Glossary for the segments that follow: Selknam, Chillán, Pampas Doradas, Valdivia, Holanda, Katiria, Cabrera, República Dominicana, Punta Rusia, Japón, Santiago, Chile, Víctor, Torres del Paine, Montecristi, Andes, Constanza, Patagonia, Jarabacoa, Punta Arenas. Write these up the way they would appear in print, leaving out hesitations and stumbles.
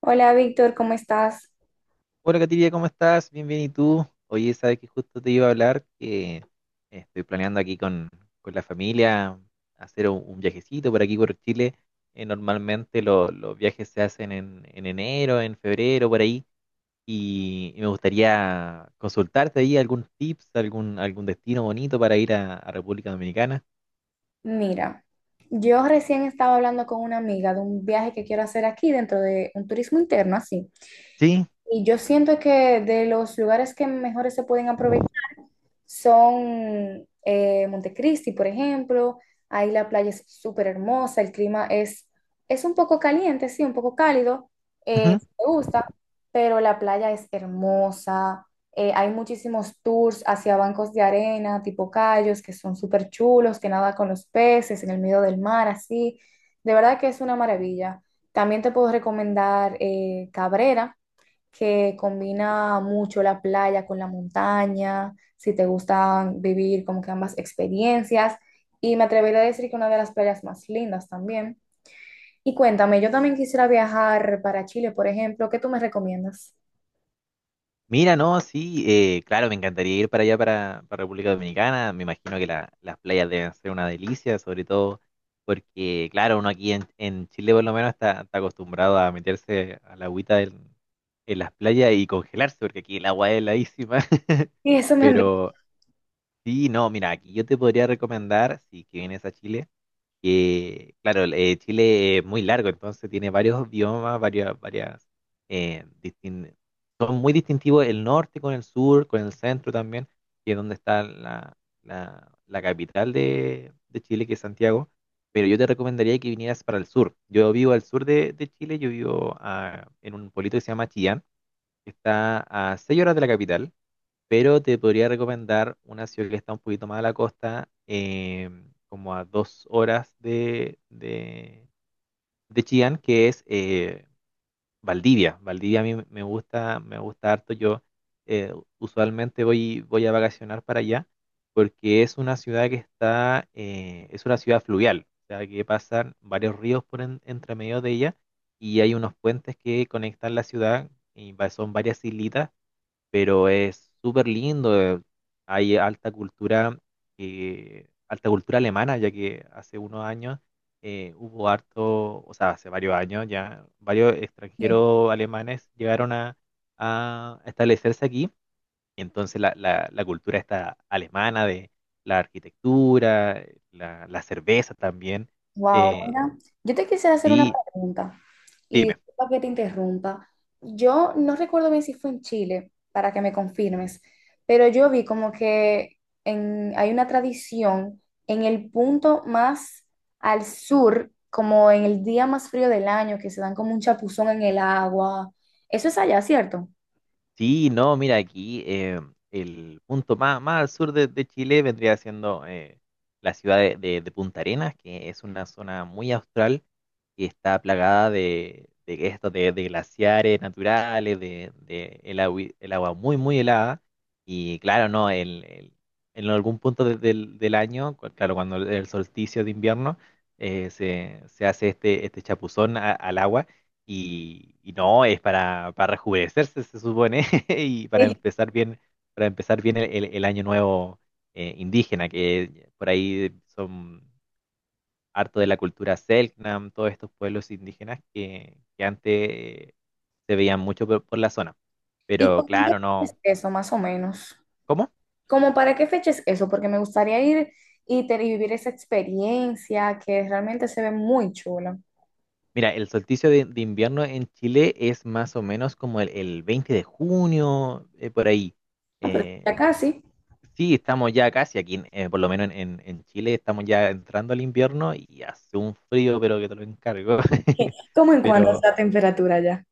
Hola Víctor, ¿cómo estás? Hola Katiria, ¿cómo estás? Bien, bien, ¿y tú? Oye, sabes que justo te iba a hablar que estoy planeando aquí con la familia hacer un viajecito por aquí por Chile. Normalmente los viajes se hacen en enero, en febrero, por ahí. Y me gustaría consultarte ahí algún tips, algún destino bonito para ir a República Dominicana. Mira, yo recién estaba hablando con una amiga de un viaje que quiero hacer aquí dentro de un turismo interno, así. Sí. Y yo siento que de los lugares que mejores se pueden aprovechar son Montecristi, por ejemplo. Ahí la playa es súper hermosa, el clima es un poco caliente, sí, un poco cálido, si te gusta, pero la playa es hermosa. Hay muchísimos tours hacia bancos de arena, tipo cayos, que son súper chulos, que nada con los peces en el medio del mar, así. De verdad que es una maravilla. También te puedo recomendar Cabrera, que combina mucho la playa con la montaña, si te gusta vivir como que ambas experiencias. Y me atrevería a decir que una de las playas más lindas también. Y cuéntame, yo también quisiera viajar para Chile, por ejemplo, ¿qué tú me recomiendas? Mira, no, sí, claro, me encantaría ir para allá, para República Dominicana. Me imagino que las playas deben ser una delicia, sobre todo porque, claro, uno aquí en Chile por lo menos está acostumbrado a meterse a la agüita en las playas y congelarse, porque aquí el agua es heladísima. Y eso me han Pero sí, no, mira, aquí yo te podría recomendar, si que vienes a Chile, que, claro, Chile es muy largo, entonces tiene varios biomas, varias, eh, distin- son muy distintivos el norte con el sur, con el centro también, que es donde está la capital de Chile, que es Santiago, pero yo te recomendaría que vinieras para el sur. Yo vivo al sur de Chile, yo vivo en un pueblito que se llama Chillán, que está a 6 horas de la capital, pero te podría recomendar una ciudad que está un poquito más a la costa, como a dos horas de Chillán, que es Valdivia. Valdivia a mí me gusta harto. Yo eh, usualmente voy a vacacionar para allá, porque es una ciudad que está, es una ciudad fluvial, o sea, que pasan varios ríos por entre medio de ella y hay unos puentes que conectan la ciudad. Y son varias islitas pero es súper lindo. Hay alta cultura alemana, ya que hace unos años hubo harto, o sea, hace varios años ya, varios dicho. extranjeros alemanes llegaron a establecerse aquí. Y entonces la cultura está alemana de la arquitectura, la cerveza también. Wow, eh, mira, yo te quisiera hacer una sí, pregunta y dime. disculpa que te interrumpa. Yo no recuerdo bien si fue en Chile, para que me confirmes, pero yo vi como que hay una tradición en el punto más al sur, como en el día más frío del año, que se dan como un chapuzón en el agua. Eso es allá, ¿cierto? Sí, no, mira, aquí el punto más, más al sur de Chile vendría siendo la ciudad de Punta Arenas, que es una zona muy austral que está plagada de esto, de glaciares naturales, de el agua muy, muy helada. Y claro, no, en algún punto de del año, claro, cuando el solsticio de invierno, se hace este chapuzón al agua y no, es para rejuvenecerse, se supone, y Sí. Para empezar bien el año nuevo indígena, que por ahí son harto de la cultura Selknam, todos estos pueblos indígenas que antes se veían mucho por la zona. ¿Y Pero cómo claro, es no. eso, más o menos? ¿Cómo? ¿Como para qué fecha es eso? Porque me gustaría ir y, y vivir esa experiencia que realmente se ve muy chula. Mira, el solsticio de invierno en Chile es más o menos como el 20 de junio, por ahí. Ah, pero eh, ya casi. Sí, estamos ya casi aquí, por lo menos en, en Chile, estamos ya entrando al invierno y hace un frío, pero que te lo encargo. ¿Cómo en cuanto Pero está la temperatura ya?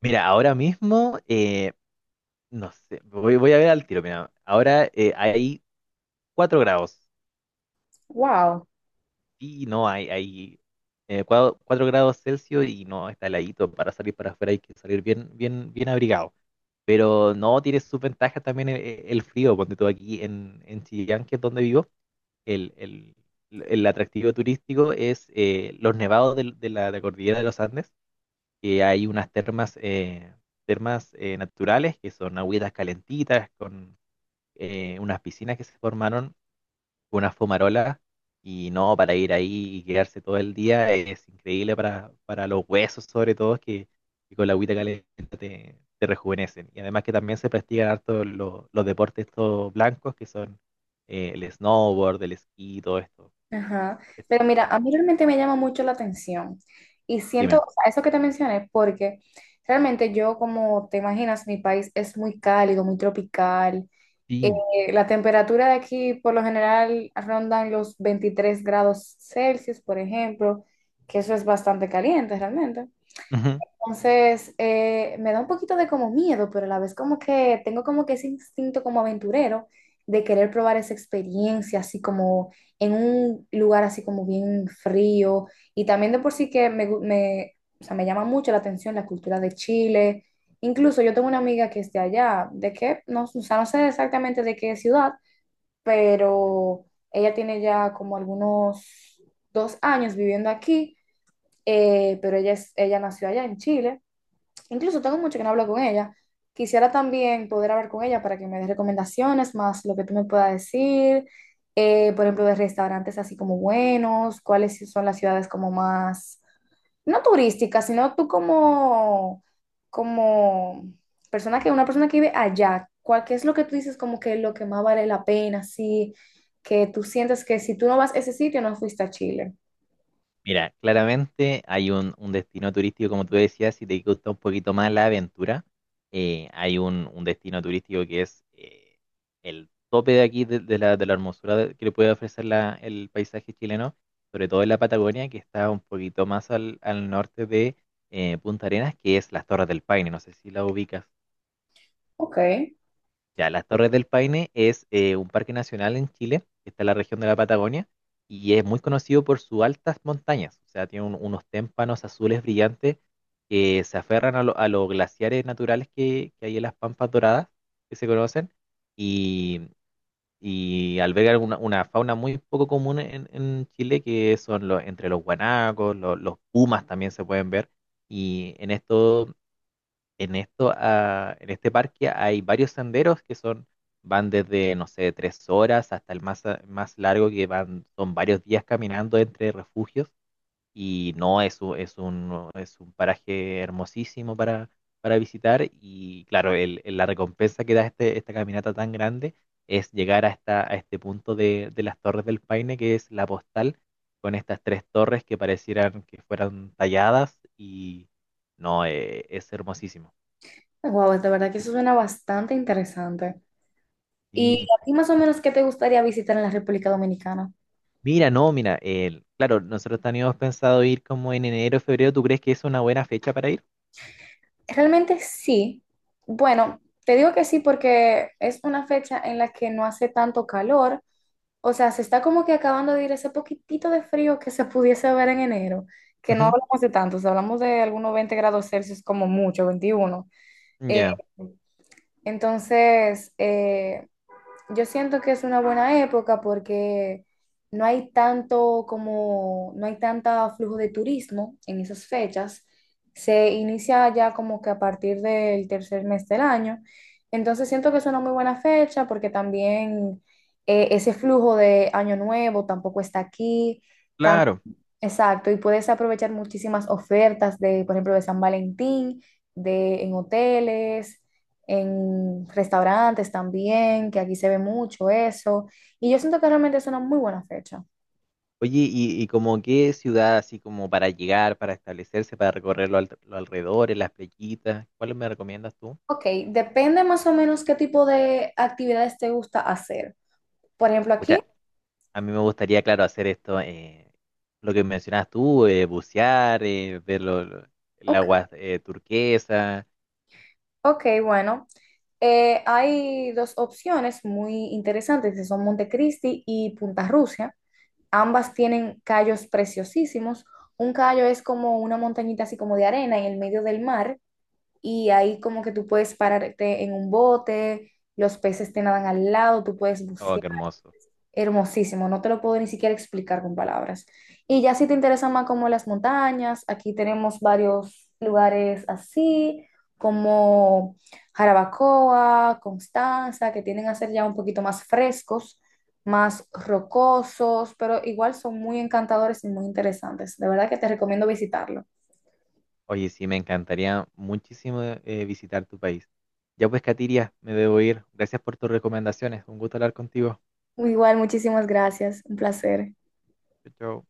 mira, ahora mismo, no sé, voy a ver al tiro. Mira, ahora hay 4 grados Wow. y no hay, hay 4 grados Celsius y no está heladito. Para salir para afuera hay que salir bien, bien, bien abrigado. Pero no tiene sus ventajas también el frío, ponte tú aquí en Chillán, que es donde vivo el, el- el atractivo turístico es los nevados de de la cordillera de los Andes, que hay unas termas, termas naturales, que son agüitas calentitas, con unas piscinas que se formaron, unas fumarolas, y no, para ir ahí y quedarse todo el día es increíble para los huesos sobre todo, que con la agüita caliente te, te rejuvenecen. Y además que también se practican harto los deportes estos blancos, que son el snowboard, el esquí, todo esto Ajá. esto Pero de mira, parte. a mí realmente me llama mucho la atención. Y siento, Dime. o sea, eso que te mencioné, porque realmente yo, como te imaginas, mi país es muy cálido, muy tropical. Sí. La temperatura de aquí por lo general rondan los 23 °C, por ejemplo, que eso es bastante caliente realmente. Ujú. Entonces, me da un poquito de como miedo, pero a la vez como que tengo como que ese instinto como aventurero de querer probar esa experiencia, así como en un lugar así como bien frío. Y también de por sí que o sea, me llama mucho la atención la cultura de Chile. Incluso yo tengo una amiga que es de allá, de que, no, o sea, no sé exactamente de qué ciudad, pero ella tiene ya como algunos 2 años viviendo aquí, pero ella, es, ella nació allá en Chile. Incluso tengo mucho que no hablo con ella. Quisiera también poder hablar con ella para que me dé recomendaciones, más lo que tú me puedas decir, por ejemplo, de restaurantes así como buenos, cuáles sí son las ciudades como más, no turísticas, sino tú como, como persona que, una persona que vive allá, ¿cuál, qué es lo que tú dices como que lo que más vale la pena, sí, que tú sientes que si tú no vas a ese sitio, no fuiste a Chile? Mira, claramente hay un destino turístico, como tú decías, si te gusta un poquito más la aventura, hay un destino turístico que es el tope de aquí, de de la hermosura que le puede ofrecer el paisaje chileno, sobre todo en la Patagonia, que está un poquito más al, al norte de Punta Arenas, que es las Torres del Paine, no sé si la ubicas. Ok. Ya, las Torres del Paine es un parque nacional en Chile, que está en la región de la Patagonia, y es muy conocido por sus altas montañas. O sea, tiene unos témpanos azules brillantes que se aferran a, a los glaciares naturales que hay en las Pampas Doradas, que se conocen, y, y albergan una fauna muy poco común en Chile, que son los, entre los guanacos, los pumas también se pueden ver, y en esto, ah, en este parque hay varios senderos que son, van desde, no sé, tres horas hasta el más, más largo que van, son varios días caminando entre refugios y no es, es un paraje hermosísimo para visitar y claro, la recompensa que da este, esta caminata tan grande es llegar a, esta, a este punto de las Torres del Paine que es la postal con estas tres torres que parecieran que fueran talladas y... No, es hermosísimo. Wow, de verdad que eso suena bastante interesante. ¿Y Sí. a ti más o menos qué te gustaría visitar en la República Dominicana? Mira, no, mira, el, claro, nosotros teníamos pensado ir como en enero, febrero. ¿Tú crees que es una buena fecha para ir? Realmente sí. Bueno, te digo que sí porque es una fecha en la que no hace tanto calor. O sea, se está como que acabando de ir ese poquitito de frío que se pudiese ver en enero, que no Ujú. hablamos de tantos, hablamos de algunos 20 °C como mucho, 21. Ya, Entonces, yo siento que es una buena época porque no hay tanto como, no hay tanta flujo de turismo en esas fechas. Se inicia ya como que a partir del tercer mes del año. Entonces siento que es una muy buena fecha porque también ese flujo de Año Nuevo tampoco está aquí. claro. Exacto, y puedes aprovechar muchísimas ofertas de, por ejemplo, de San Valentín, de en hoteles, en restaurantes también, que aquí se ve mucho eso. Y yo siento que realmente es una muy buena fecha. Oye, ¿ y como qué ciudad, así como para llegar, para establecerse, para recorrer los, los alrededores, las playitas? ¿Cuáles me recomiendas tú? Ok, depende más o menos qué tipo de actividades te gusta hacer. Por ejemplo, aquí, Pucha, a mí me gustaría, claro, hacer esto, lo que mencionas tú, bucear, ver el ok, agua turquesa. ok, bueno, hay dos opciones muy interesantes, que son Montecristi y Punta Rusia. Ambas tienen callos preciosísimos. Un callo es como una montañita así como de arena en el medio del mar y ahí como que tú puedes pararte en un bote, los peces te nadan al lado, tú puedes Oh, bucear. qué hermoso. Hermosísimo, no te lo puedo ni siquiera explicar con palabras. Y ya si te interesan más como las montañas, aquí tenemos varios lugares así, como Jarabacoa, Constanza, que tienden a ser ya un poquito más frescos, más rocosos, pero igual son muy encantadores y muy interesantes. De verdad que te recomiendo visitarlo. Oye, sí, me encantaría muchísimo visitar tu país. Ya pues, Katiria, me debo ir. Gracias por tus recomendaciones. Un gusto hablar contigo. Igual, muchísimas gracias, un placer. Chao, chao.